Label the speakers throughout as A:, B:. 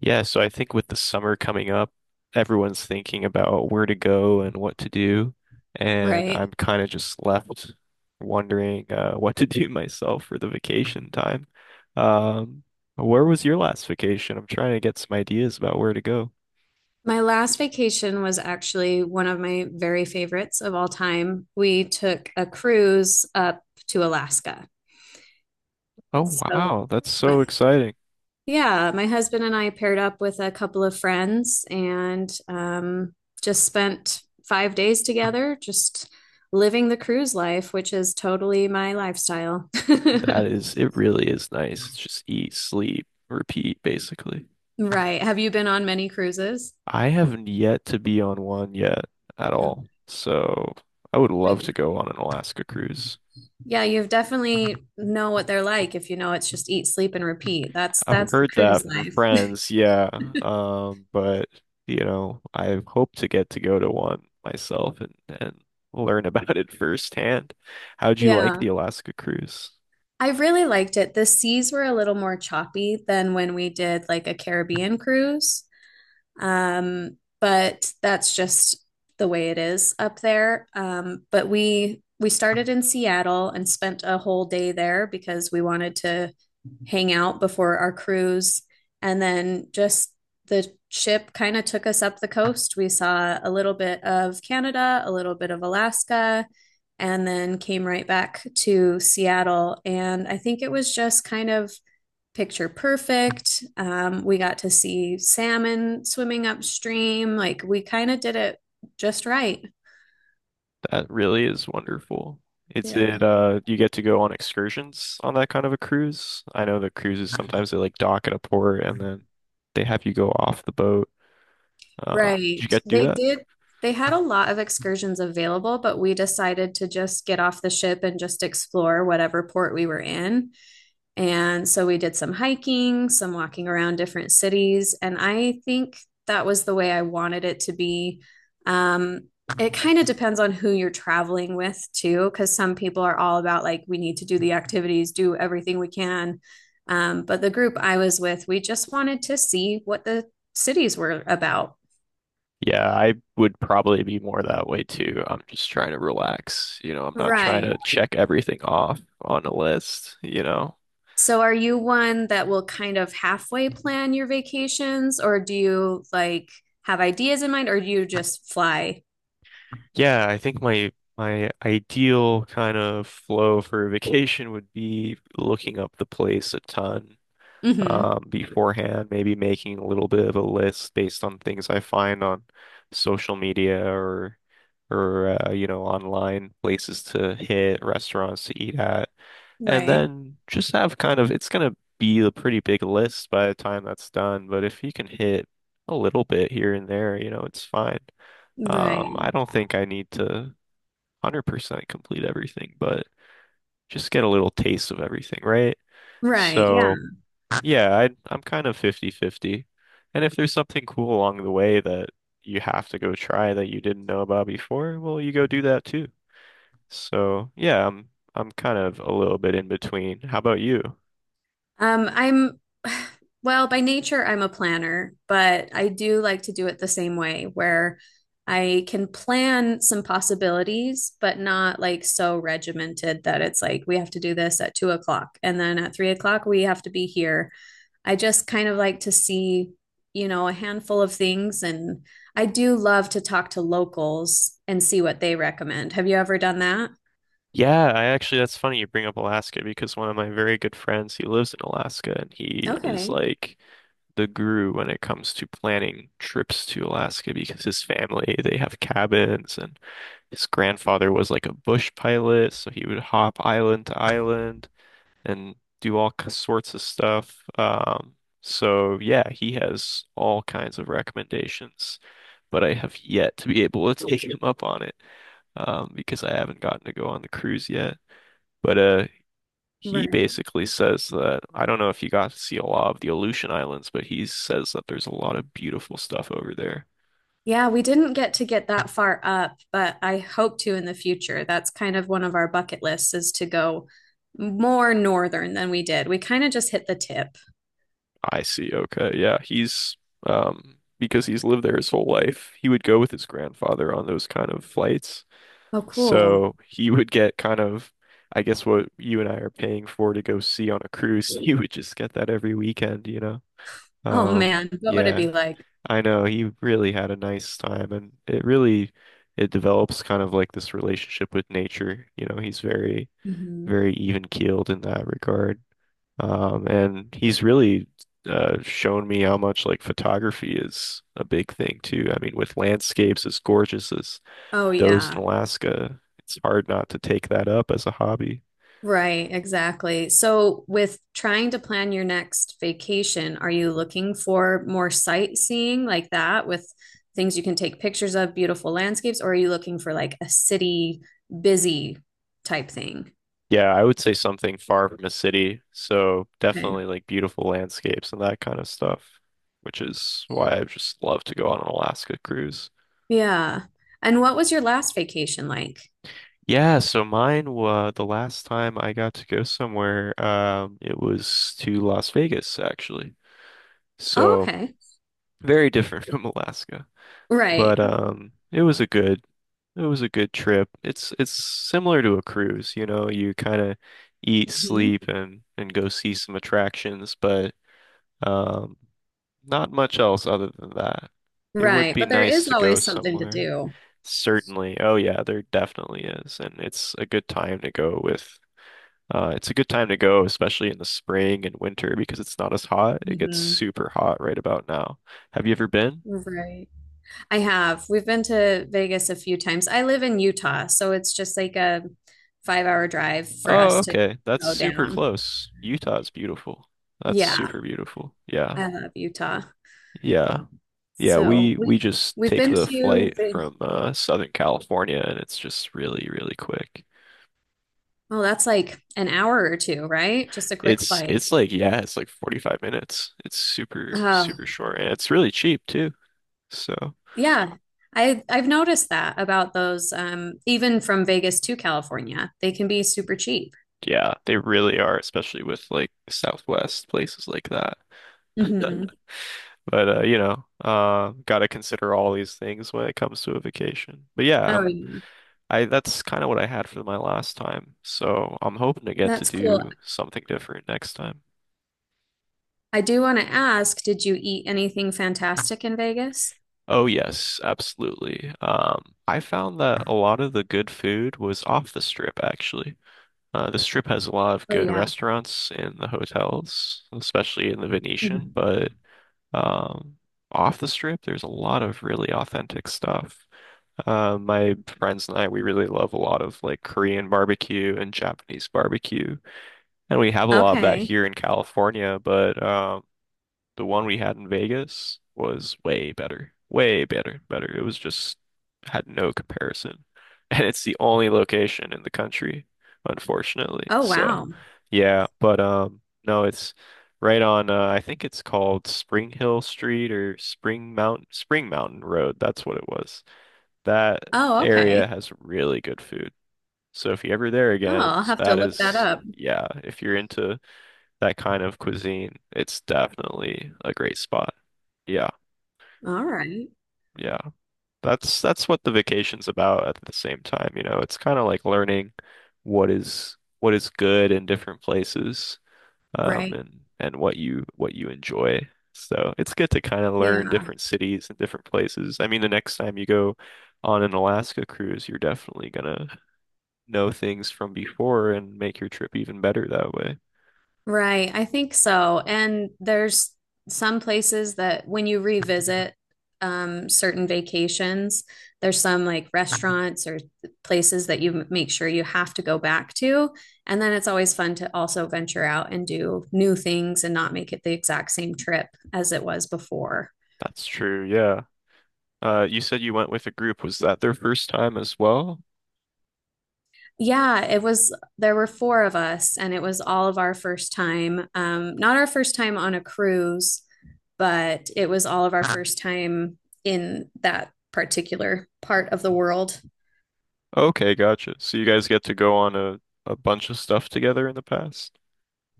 A: Yeah, so I think with the summer coming up, everyone's thinking about where to go and what to do, and I'm
B: Right.
A: kind of just left wondering what to do myself for the vacation time. Um, where was your last vacation? I'm trying to get some ideas about where to go.
B: My last vacation was actually one of my very favorites of all time. We took a cruise up to Alaska.
A: Oh
B: So,
A: wow, that's so
B: my-
A: exciting.
B: yeah, my husband and I paired up with a couple of friends and just spent 5 days together, just living the cruise life, which is totally my lifestyle.
A: That is, it really is nice. It's just eat, sleep, repeat, basically.
B: Right. Have you been on many cruises?
A: I haven't yet to be on one yet at all, so I would
B: Oh,
A: love to go on an Alaska cruise.
B: yeah, you've definitely know what they're like if you know it's just eat, sleep, and repeat. That's
A: I've
B: that's the
A: heard that
B: cruise
A: from
B: life.
A: friends, yeah. But I hope to get to go to one myself and learn about it firsthand. How'd you like
B: Yeah.
A: the Alaska cruise?
B: I really liked it. The seas were a little more choppy than when we did like a Caribbean cruise. But that's just the way it is up there. But we started in Seattle and spent a whole day there because we wanted to hang out before our cruise. And then just the ship kind of took us up the coast. We saw a little bit of Canada, a little bit of Alaska, and then came right back to Seattle. And I think it was just kind of picture perfect. We got to see salmon swimming upstream. Like we kind of did it just right.
A: That really is wonderful. It's
B: Yeah.
A: it uh you get to go on excursions on that kind of a cruise. I know the cruises sometimes they like dock at a port and then they have you go off the boat. Did
B: Right.
A: you get to do that?
B: They had a lot of excursions available, but we decided to just get off the ship and just explore whatever port we were in. And so we did some hiking, some walking around different cities. And I think that was the way I wanted it to be. Um, it kind of depends on who you're traveling with, too, because some people are all about like, we need to do the activities, do everything we can. But the group I was with, we just wanted to see what the cities were about.
A: Yeah, I would probably be more that way too. I'm just trying to relax. I'm not trying
B: Right.
A: to check everything off on a list.
B: So are you one that will kind of halfway plan your vacations, or do you like have ideas in mind, or do you just fly?
A: Yeah, I think my ideal kind of flow for a vacation would be looking up the place a ton
B: hmm
A: beforehand, maybe making a little bit of a list based on things I find on social media or or online places to hit, restaurants to eat at. And
B: Right.
A: then just have kind of, it's going to be a pretty big list by the time that's done. But if he can hit a little bit here and there, it's fine.
B: Right.
A: I don't think I need to 100% complete everything, but just get a little taste of everything, right?
B: Right. Yeah.
A: So, yeah, I'm kind of 50 50. And if there's something cool along the way that you have to go try that you didn't know about before, well, you go do that too. So, yeah, I'm kind of a little bit in between. How about you?
B: I'm, well, by nature, I'm a planner, but I do like to do it the same way where I can plan some possibilities, but not like so regimented that it's like we have to do this at 2 o'clock and then at 3 o'clock we have to be here. I just kind of like to see, you know, a handful of things. And I do love to talk to locals and see what they recommend. Have you ever done that?
A: Yeah, I actually, that's funny you bring up Alaska because one of my very good friends, he lives in Alaska and he is
B: Okay.
A: like the guru when it comes to planning trips to Alaska because his family, they have cabins and his grandfather was like a bush pilot, so he would hop island to island and do sorts of stuff. So yeah, he has all kinds of recommendations, but I have yet to be able to take him up on it, because I haven't gotten to go on the cruise yet. But he basically says that I don't know if you got to see a lot of the Aleutian Islands, but he says that there's a lot of beautiful stuff over there.
B: Yeah, we didn't get to get that far up, but I hope to in the future. That's kind of one of our bucket lists is to go more northern than we did. We kind of just hit the tip.
A: I see. Okay. Yeah. Because he's lived there his whole life, he would go with his grandfather on those kind of flights.
B: Oh, cool.
A: So he would get kind of, I guess, what you and I are paying for to go see on a cruise. He would just get that every weekend, you know?
B: Oh
A: Um,
B: man, what would it
A: yeah.
B: be like?
A: I know he really had a nice time and it really it develops kind of like this relationship with nature. You know, he's very,
B: Mhm.
A: very even keeled in that regard. And he's really shown me how much like photography is a big thing too. I mean, with landscapes as gorgeous as
B: Oh
A: those in
B: yeah.
A: Alaska, it's hard not to take that up as a hobby.
B: Right, exactly. So with trying to plan your next vacation, are you looking for more sightseeing like that with things you can take pictures of, beautiful landscapes, or are you looking for like a city busy type thing?
A: Yeah, I would say something far from a city. So
B: Okay.
A: definitely like beautiful landscapes and that kind of stuff, which is why I just love to go on an Alaska cruise.
B: Yeah. And what was your last vacation like?
A: Yeah, so mine was the last time I got to go somewhere, it was to Las Vegas actually.
B: Oh,
A: So
B: okay.
A: very different from Alaska. But
B: Right.
A: it was a good trip. It's similar to a cruise, you know, you kind of eat,
B: hmm
A: sleep and go see some attractions, but um, not much else other than that. It would
B: Right.
A: be
B: But there
A: nice
B: is
A: to go
B: always something to
A: somewhere.
B: do.
A: Certainly. Oh yeah, there definitely is. And it's a good time to go with it's a good time to go, especially in the spring and winter because it's not as hot. It gets
B: hmm
A: super hot right about now. Have you ever been?
B: Right. I have. We've been to Vegas a few times. I live in Utah, so it's just like a 5 hour drive for
A: Oh,
B: us to
A: okay. That's
B: go
A: super
B: down.
A: close. Utah's beautiful. That's
B: Yeah.
A: super beautiful. Yeah.
B: I love Utah.
A: Yeah. Yeah,
B: So
A: we
B: we
A: just
B: we've
A: take
B: been
A: the
B: to,
A: flight from Southern California and it's just really, really quick.
B: oh, that's like an hour or two, right? Just a quick
A: It's
B: flight.
A: it's like yeah, it's like 45 minutes. It's super
B: Oh,
A: short and it's really cheap too. So,
B: yeah, I've noticed that about those even from Vegas to California. They can be super cheap.
A: yeah, they really are, especially with like Southwest places like that.
B: hmm
A: But you know, gotta consider all these things when it comes to a vacation. But yeah,
B: Oh,
A: um
B: yeah.
A: I that's kind of what I had for my last time. So, I'm hoping to get to
B: That's cool.
A: do something different next time.
B: I do want to ask, did you eat anything fantastic in Vegas?
A: Oh yes, absolutely. I found that a lot of the good food was off the strip actually. The strip has a lot of
B: Oh
A: good
B: yeah.
A: restaurants and the hotels, especially in the Venetian,
B: Mhm.
A: but um, off the strip, there's a lot of really authentic stuff. My friends and I, we really love a lot of like Korean barbecue and Japanese barbecue, and we have a lot of that
B: Okay.
A: here in California, but the one we had in Vegas was way better. Way better. It was just had no comparison. And it's the only location in the country, unfortunately.
B: Oh
A: So,
B: wow.
A: yeah, but no, it's right on I think it's called Spring Hill Street or Spring Mountain Road. That's what it was. That
B: Oh,
A: area
B: okay.
A: has really good food. So if you're ever there
B: Oh,
A: again,
B: I'll have to
A: that
B: look that
A: is
B: up.
A: yeah, if you're into that kind of cuisine, it's definitely a great spot. Yeah,
B: All right.
A: yeah. That's what the vacation's about at the same time, you know. It's kind of like learning what is good in different places,
B: Right.
A: and what you enjoy. So it's good to kind of learn
B: Yeah.
A: different cities and different places. I mean, the next time you go on an Alaska cruise, you're definitely gonna know things from before and make your trip even better that way.
B: Right, I think so. And there's some places that when you revisit certain vacations, there's some like restaurants or places that you make sure you have to go back to. And then it's always fun to also venture out and do new things and not make it the exact same trip as it was before.
A: That's true, yeah. You said you went with a group. Was that their first time as well?
B: Yeah, it was there were four of us, and it was all of our first time. Not our first time on a cruise, but it was all of our first time in that particular part of the world.
A: Okay, gotcha. So you guys get to go on a bunch of stuff together in the past?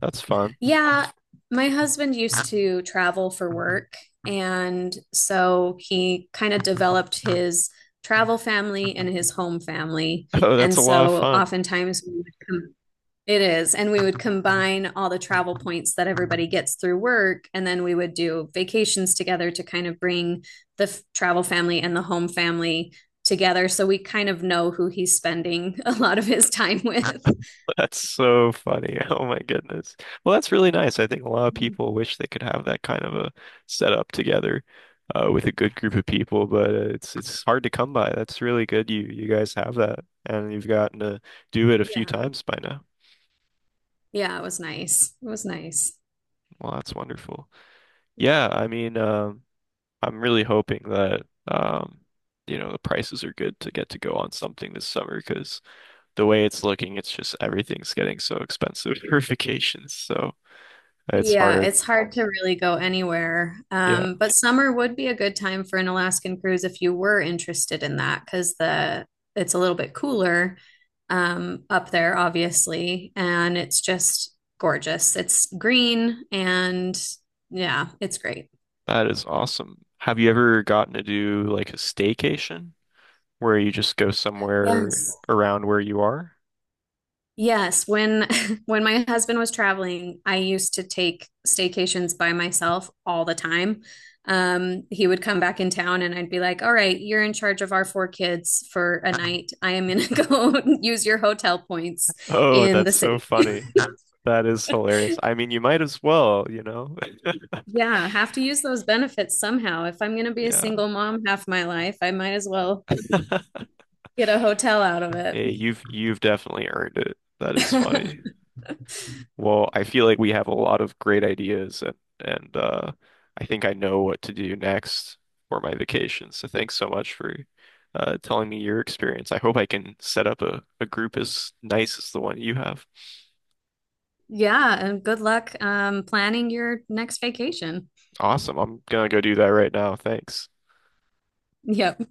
A: That's fun.
B: Yeah, my husband used to travel for work, and so he kind of developed his travel family and his home family.
A: Oh, that's
B: And
A: a lot of
B: so
A: fun.
B: oftentimes we would come It is. And we would combine all the travel points that everybody gets through work. And then we would do vacations together to kind of bring the travel family and the home family together. So we kind of know who he's spending a lot of his time with.
A: That's so funny. Oh my goodness. Well, that's really nice. I think a lot of people wish they could have that kind of a setup together with a good group of people, but it's hard to come by. That's really good. You guys have that, and you've gotten to do it a few
B: Yeah.
A: times by now.
B: Yeah. It was nice. It was nice.
A: Well, that's wonderful. Yeah, I mean, I'm really hoping that um, you know, the prices are good to get to go on something this summer because the way it's looking, it's just everything's getting so expensive for vacations. So it's
B: Yeah,
A: hard.
B: it's hard to really go anywhere.
A: Yeah,
B: But summer would be a good time for an Alaskan cruise if you were interested in that, because the it's a little bit cooler up there, obviously, and it's just gorgeous. It's green and yeah, it's great.
A: that is awesome. Have you ever gotten to do like a staycation where you just go somewhere
B: Yes.
A: around where you are?
B: Yes, when when my husband was traveling, I used to take staycations by myself all the time. He would come back in town and I'd be like, "All right, you're in charge of our four kids for a night. I am gonna go use your hotel points
A: Oh,
B: in the
A: that's so
B: city."
A: funny. That is hilarious. I mean, you might as well, you know?
B: Yeah, have to use those benefits somehow. If I'm gonna be a
A: Yeah.
B: single mom half my life, I might as well get a hotel out of it.
A: Hey, you've definitely earned it. That is funny. Well, I feel like we have a lot of great ideas and and I think I know what to do next for my vacation. So
B: Y-
A: thanks so much for telling me your experience. I hope I can set up a group as nice as the one you have.
B: Yeah, and good luck planning your next vacation.
A: Awesome. I'm gonna go do that right now. Thanks.
B: Yep.